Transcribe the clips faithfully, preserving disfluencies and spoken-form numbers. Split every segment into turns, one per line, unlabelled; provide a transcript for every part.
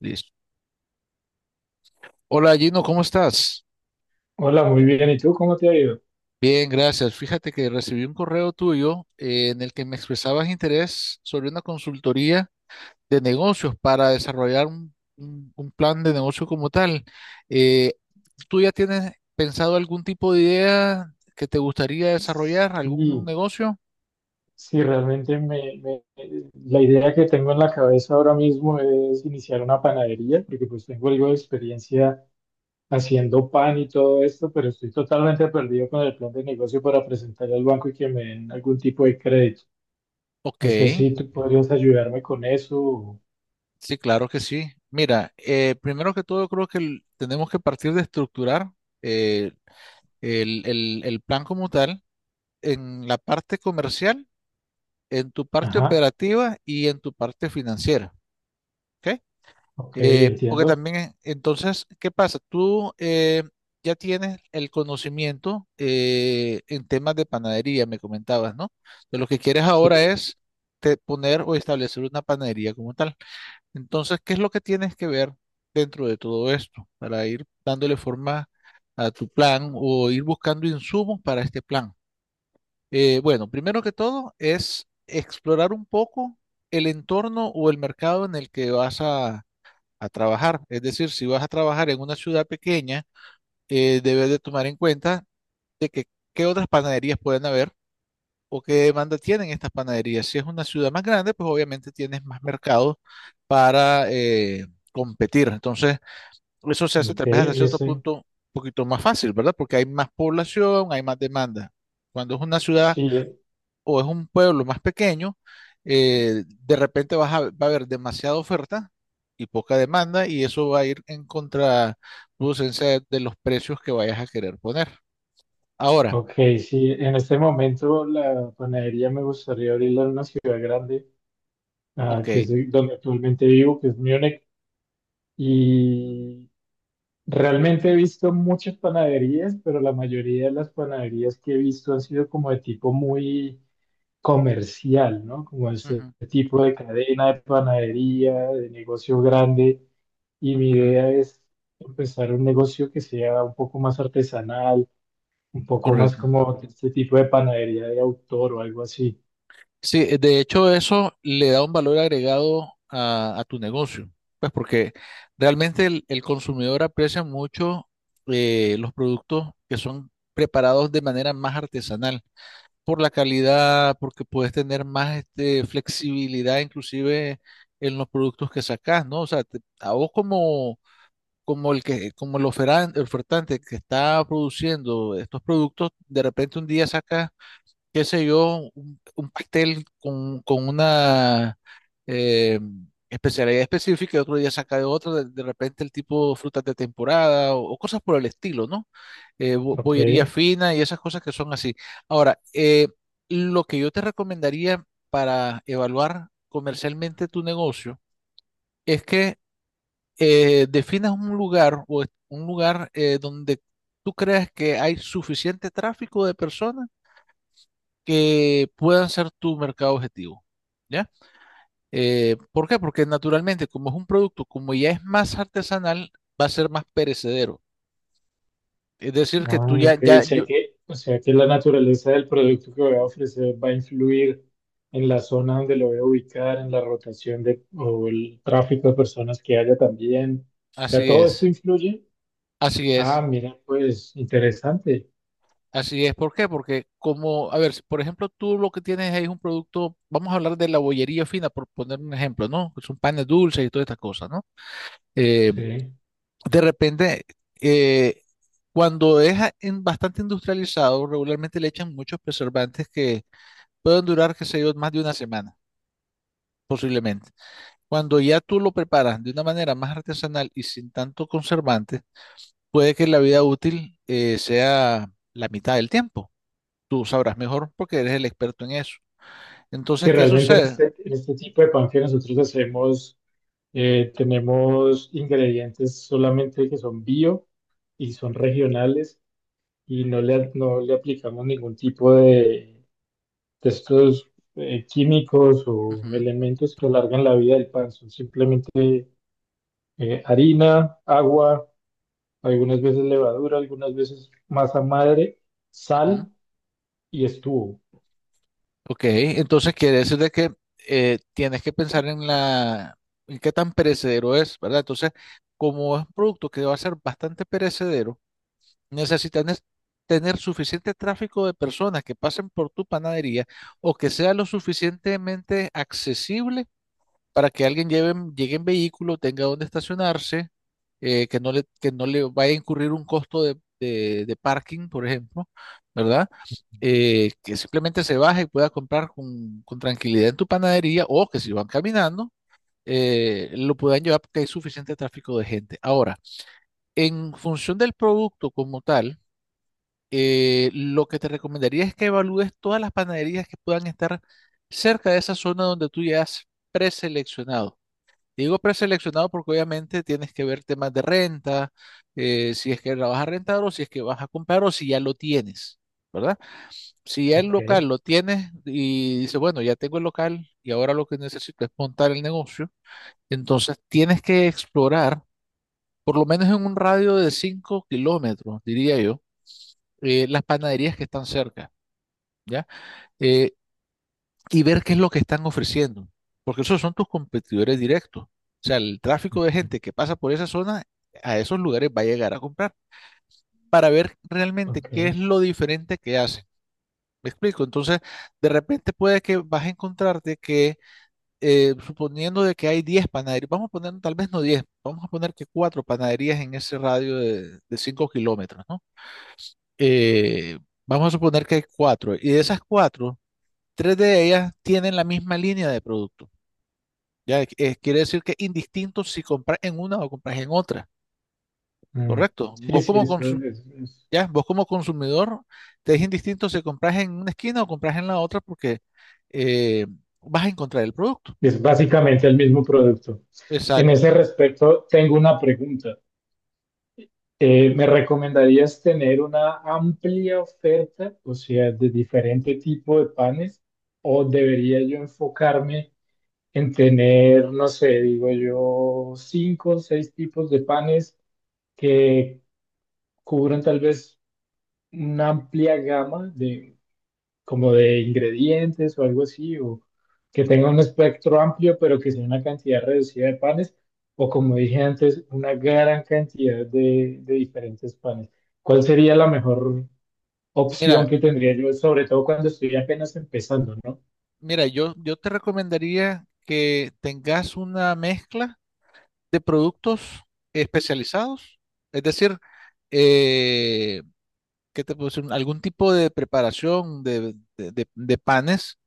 Listo. Hola Gino, ¿cómo estás?
Hola, muy bien. ¿Y tú cómo te ha ido?
Bien, gracias. Fíjate que recibí un correo tuyo eh, en el que me expresabas interés sobre una consultoría de negocios para desarrollar un, un- un plan de negocio como tal. Eh, ¿tú ya tienes pensado algún tipo de idea que te gustaría desarrollar, algún
Sí,
negocio?
sí, realmente me, me- la idea que tengo en la cabeza ahora mismo es iniciar una panadería, porque pues tengo algo de experiencia haciendo pan y todo esto, pero estoy totalmente perdido con el plan de negocio para presentar al banco y que me den algún tipo de crédito.
Ok,
No sé si tú podrías ayudarme con eso. o-
sí, claro que sí. Mira, eh, primero que todo creo que el- tenemos que partir de estructurar eh, el el- el plan como tal. En la parte comercial, en tu parte
Ajá,
operativa y en tu parte financiera, ¿ok?
ok,
Eh, porque
entiendo.
también, eh, entonces, ¿qué pasa? Tú eh, ya tienes el conocimiento eh, en temas de panadería, me comentabas, ¿no? De lo que quieres ahora
Sí,
es te- poner o establecer una panadería como tal. Entonces, ¿qué es lo que tienes que ver dentro de todo esto para ir dándole forma a tu plan o ir buscando insumos para este plan? Eh, bueno, primero que todo es explorar un poco el entorno o el mercado en el que vas a, a trabajar. Es decir, si vas a trabajar en una ciudad pequeña, eh, debes de tomar en cuenta de que qué otras panaderías pueden haber o qué demanda tienen estas panaderías. Si es una ciudad más grande, pues obviamente tienes más mercado para eh, competir. Entonces, eso se hace tal
ok,
vez hasta
en
cierto
ese,
punto un poquito más fácil, ¿verdad? Porque hay más población, hay más demanda. Cuando es una ciudad
sí.
o es un pueblo más pequeño, eh, de repente vas a- va a haber demasiada oferta y poca demanda y eso va a ir en contraproducencia de, de los precios que vayas a querer poner. Ahora,
Ok, sí, en este momento la panadería me gustaría abrirla en una ciudad grande, ah,
ok.
que es donde actualmente vivo, que es Múnich, y realmente he visto muchas panaderías, pero la mayoría de las panaderías que he visto han sido como de tipo muy comercial, ¿no? Como este
Ujú,
tipo de cadena de panadería, de negocio grande, y mi
ujú,
idea es empezar un negocio que sea un poco más artesanal, un poco más
correcto.
como de este tipo de panadería de autor o algo así.
Sí, eh, de hecho eso le da un valor agregado a, a tu negocio, pues porque realmente el, el consumidor aprecia mucho eh, los productos que son preparados de manera más artesanal. Por la calidad, porque puedes tener más este, flexibilidad inclusive en los productos que sacas, ¿no? O sea, te- a vos como, como el que, como el oferan- el ofertante que está produciendo estos productos, de repente un día saca, qué sé yo, un, un pastel con, con una eh, especialidad específica, y otro día saca de otro, de, de repente el tipo frutas de temporada o, o cosas por el estilo, ¿no? Eh, bo-
Ok.
bollería fina y esas cosas que son así. Ahora, eh, lo que yo te recomendaría para evaluar comercialmente tu negocio es que eh, definas un lugar o es- un lugar eh, donde tú creas que hay suficiente tráfico de personas que puedan ser tu mercado objetivo, ¿ya? Eh, ¿por qué? Porque naturalmente, como es un producto, como ya es más artesanal, va a ser más perecedero. Es decir, que
Ah,
tú ya,
ok. O
ya,
sea
yo,
que, o sea que la naturaleza del producto que voy a ofrecer va a influir en la zona donde lo voy a ubicar, en la rotación de, o el tráfico de personas que haya también. O sea,
así
todo esto
es,
influye.
así
Ah,
es,
mira, pues interesante.
así es. ¿Por qué? Porque como, a ver, si por ejemplo, tú lo que tienes ahí es un producto, vamos a hablar de la bollería fina, por poner un ejemplo, ¿no? Son panes dulces y todas estas cosas, ¿no? Eh,
Sí.
de repente, eh, cuando es a- en- bastante industrializado, regularmente le echan muchos preservantes que pueden durar, qué sé yo, más de una semana, posiblemente. Cuando ya tú lo preparas de una manera más artesanal y sin tanto conservante, puede que la vida útil eh, sea la mitad del tiempo. Tú sabrás mejor porque eres el experto en eso. Entonces,
Sí,
¿qué
realmente en
sucede?
este, en este tipo de pan que nosotros hacemos, eh, tenemos ingredientes solamente que son bio y son regionales. Y no le, no le aplicamos ningún tipo de, de estos eh, químicos o
Ujú,
elementos que alargan la vida del pan. Son simplemente eh, harina, agua, algunas veces levadura, algunas veces masa madre,
ujú.
sal y estuvo.
Ok, entonces quiere decir de que eh, tienes que pensar en la, en qué tan perecedero es, ¿verdad? Entonces, como es un producto que va a ser bastante perecedero, necesitas nes- tener suficiente tráfico de personas que pasen por tu panadería o que sea lo suficientemente accesible para que alguien lleve, llegue en vehículo, tenga donde estacionarse, eh, que no le, que no le vaya a incurrir un costo de, de- de parking, por ejemplo, ¿verdad? Eh, que simplemente se baje y pueda comprar con, con tranquilidad en tu panadería o que si van caminando, eh, lo puedan llevar porque hay suficiente tráfico de gente. Ahora, en función del producto como tal, eh, lo que te recomendaría es que evalúes todas las panaderías que puedan estar cerca de esa zona donde tú ya has preseleccionado. Digo preseleccionado porque obviamente tienes que ver temas de renta, eh, si es que la vas a rentar o si es que vas a comprar o si ya lo tienes, ¿verdad? Si ya el
Ok.
local lo tienes y dices, bueno, ya tengo el local y ahora lo que necesito es montar el negocio, entonces tienes que explorar, por lo menos en un radio de cinco kilómetros, diría yo, eh, las panaderías que están cerca, ¿ya? Eh, y ver qué es lo que están ofreciendo, porque esos son tus competidores directos. O sea, el tráfico de gente
Ujú.
que pasa por esa zona a esos lugares va a llegar a comprar para ver realmente
Ok.
qué es lo diferente que hacen. Me explico. Entonces, de repente puede que vas a encontrarte que, eh, suponiendo de que hay diez panaderías, vamos a poner tal vez no diez vamos a poner que cuatro panaderías en ese radio de, de cinco kilómetros, ¿no? Eh, vamos a suponer que hay cuatro y de esas cuatro tres de ellas tienen la misma línea de producto. Ya eh, quiere decir que indistinto si compras en una o compras en otra,
Mm.
¿correcto?
Sí,
Vos
sí,
como
eso
consu-
es, es
ya, vos como consumidor te es indistinto si compras en una esquina o compras en la otra porque eh, vas a encontrar el producto.
es básicamente el mismo producto. En
Exacto.
ese respecto, tengo una pregunta. Eh, ¿me recomendarías tener una amplia oferta, o sea, de diferente tipo de panes, o debería yo enfocarme en tener, no sé, digo yo, cinco o seis tipos de panes que cubran tal vez una amplia gama de, como de ingredientes o algo así, o que tenga un espectro amplio, pero que sea una cantidad reducida de panes, o como dije antes, una gran cantidad de, de diferentes panes? ¿Cuál sería la mejor opción
Mira,
que tendría yo, sobre todo cuando estoy apenas empezando, ¿no?
mira, yo, yo te recomendaría que tengas una mezcla de productos especializados, es decir, eh, ¿qué te puedo decir? Algún tipo de preparación de, de de- de panes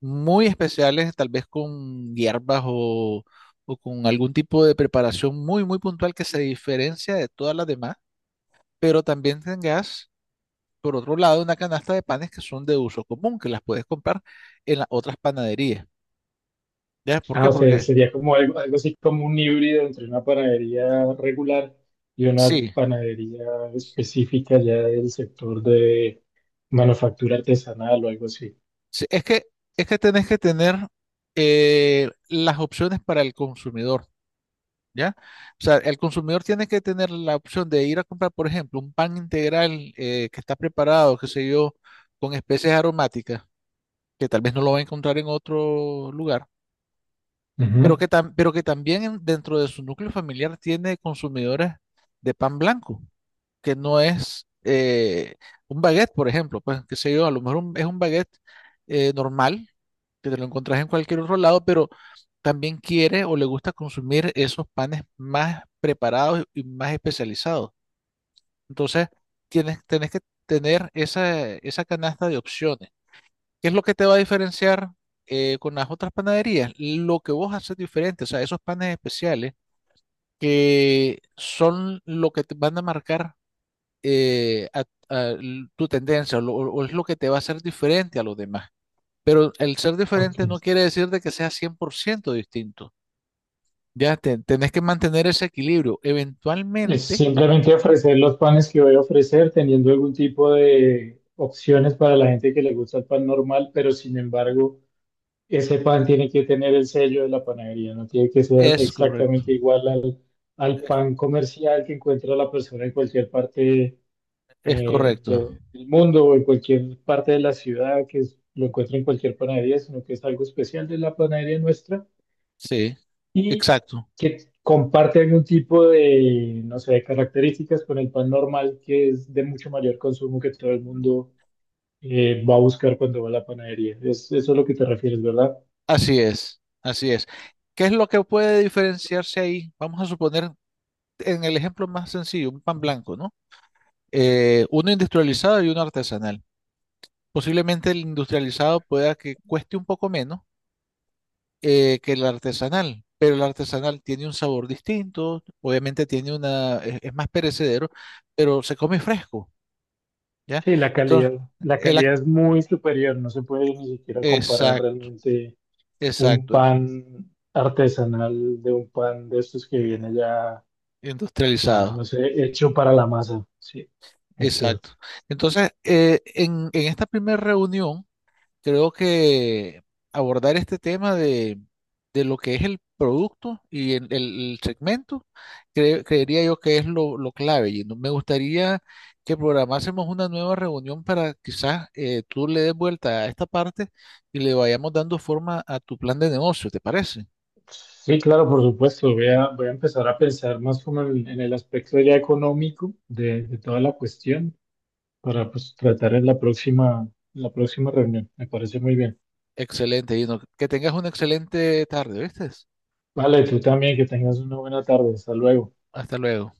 muy especiales, tal vez con hierbas o, o con algún tipo de preparación muy, muy puntual que se diferencia de todas las demás, pero también tengas, por otro lado, una canasta de panes que son de uso común, que las puedes comprar en las otras panaderías. ¿Ya? ¿Por
Ah,
qué?
o sea,
Porque
sería como algo, algo así como un híbrido entre una panadería regular y una
sí,
panadería específica ya del sector de manufactura artesanal o algo así.
sí, es que, es que tenés que tener eh, las opciones para el consumidor. ¿Ya? O sea, el consumidor tiene que tener la opción de ir a comprar, por ejemplo, un pan integral eh, que está preparado, qué sé yo, con especies aromáticas, que tal vez no lo va a encontrar en otro lugar, pero que,
Ujú,
tam- pero que también en- dentro de su núcleo familiar tiene consumidores de pan blanco, que no es eh, un baguette, por ejemplo, pues, qué sé yo, a lo mejor un- es un baguette eh, normal, que te lo encontrás en cualquier otro lado, pero también quiere o le gusta consumir esos panes más preparados y más especializados. Entonces, tienes, tenés que tener esa, esa canasta de opciones. ¿Qué es lo que te va a diferenciar eh, con las otras panaderías? Lo que vos haces diferente, o sea, esos panes especiales que son lo que te van a marcar eh, a- a l- tu tendencia o, lo- o es lo que te va a hacer diferente a los demás. Pero el ser diferente
ok.
no quiere decir de que sea cien por ciento distinto. Ya te- tenés que mantener ese equilibrio.
Es
Eventualmente
simplemente ofrecer los panes que voy a ofrecer, teniendo algún tipo de opciones para la gente que le gusta el pan normal, pero sin embargo, ese pan tiene que tener el sello de la panadería, no tiene que ser
es correcto.
exactamente igual al, al
Es,
pan comercial que encuentra la persona en cualquier parte
es
eh,
correcto.
de- del mundo o en cualquier parte de la ciudad que es- lo encuentra en cualquier panadería, sino que es algo especial de la panadería nuestra
Sí,
y
exacto.
que comparte algún tipo de, no sé, de características con el pan normal, que es de mucho mayor consumo que todo el mundo eh, va a buscar cuando va a la panadería. Es, eso es lo que te refieres, ¿verdad?
Así es. Así es. ¿Qué es lo que puede diferenciarse ahí? Vamos a suponer en el ejemplo más sencillo, un pan blanco, ¿no? Eh, uno industrializado y uno artesanal. Posiblemente el industrializado pueda que cueste un poco menos eh, que el artesanal, pero el artesanal tiene un sabor distinto, obviamente tiene una, es es más perecedero, pero se come fresco. ¿Ya?
Sí, la
Entonces,
calidad, la
el,
calidad es muy superior, no se puede ni siquiera comparar
exacto,
realmente un
exacto,
pan artesanal de un pan de estos que viene ya, ah,
industrializado,
no sé, hecho para la masa. Sí, es
exacto.
cierto.
Entonces, eh, en, en esta primera reunión, creo que abordar este tema de, de lo que es el producto y el, el- el segmento, cre- creería yo que es lo, lo clave. Y no- me gustaría que programásemos una nueva reunión para quizás eh, tú le des vuelta a esta parte y le vayamos dando forma a tu plan de negocio, ¿te parece?
Sí, claro, por supuesto. Voy a, voy a empezar a pensar más como en, en el aspecto ya económico de, de toda la cuestión para pues, tratar en la próxima, en la próxima reunión. Me parece muy bien.
Excelente, Gino. Que tengas una excelente tarde, ¿viste?
Vale, tú también, que tengas una buena tarde. Hasta luego.
Hasta luego.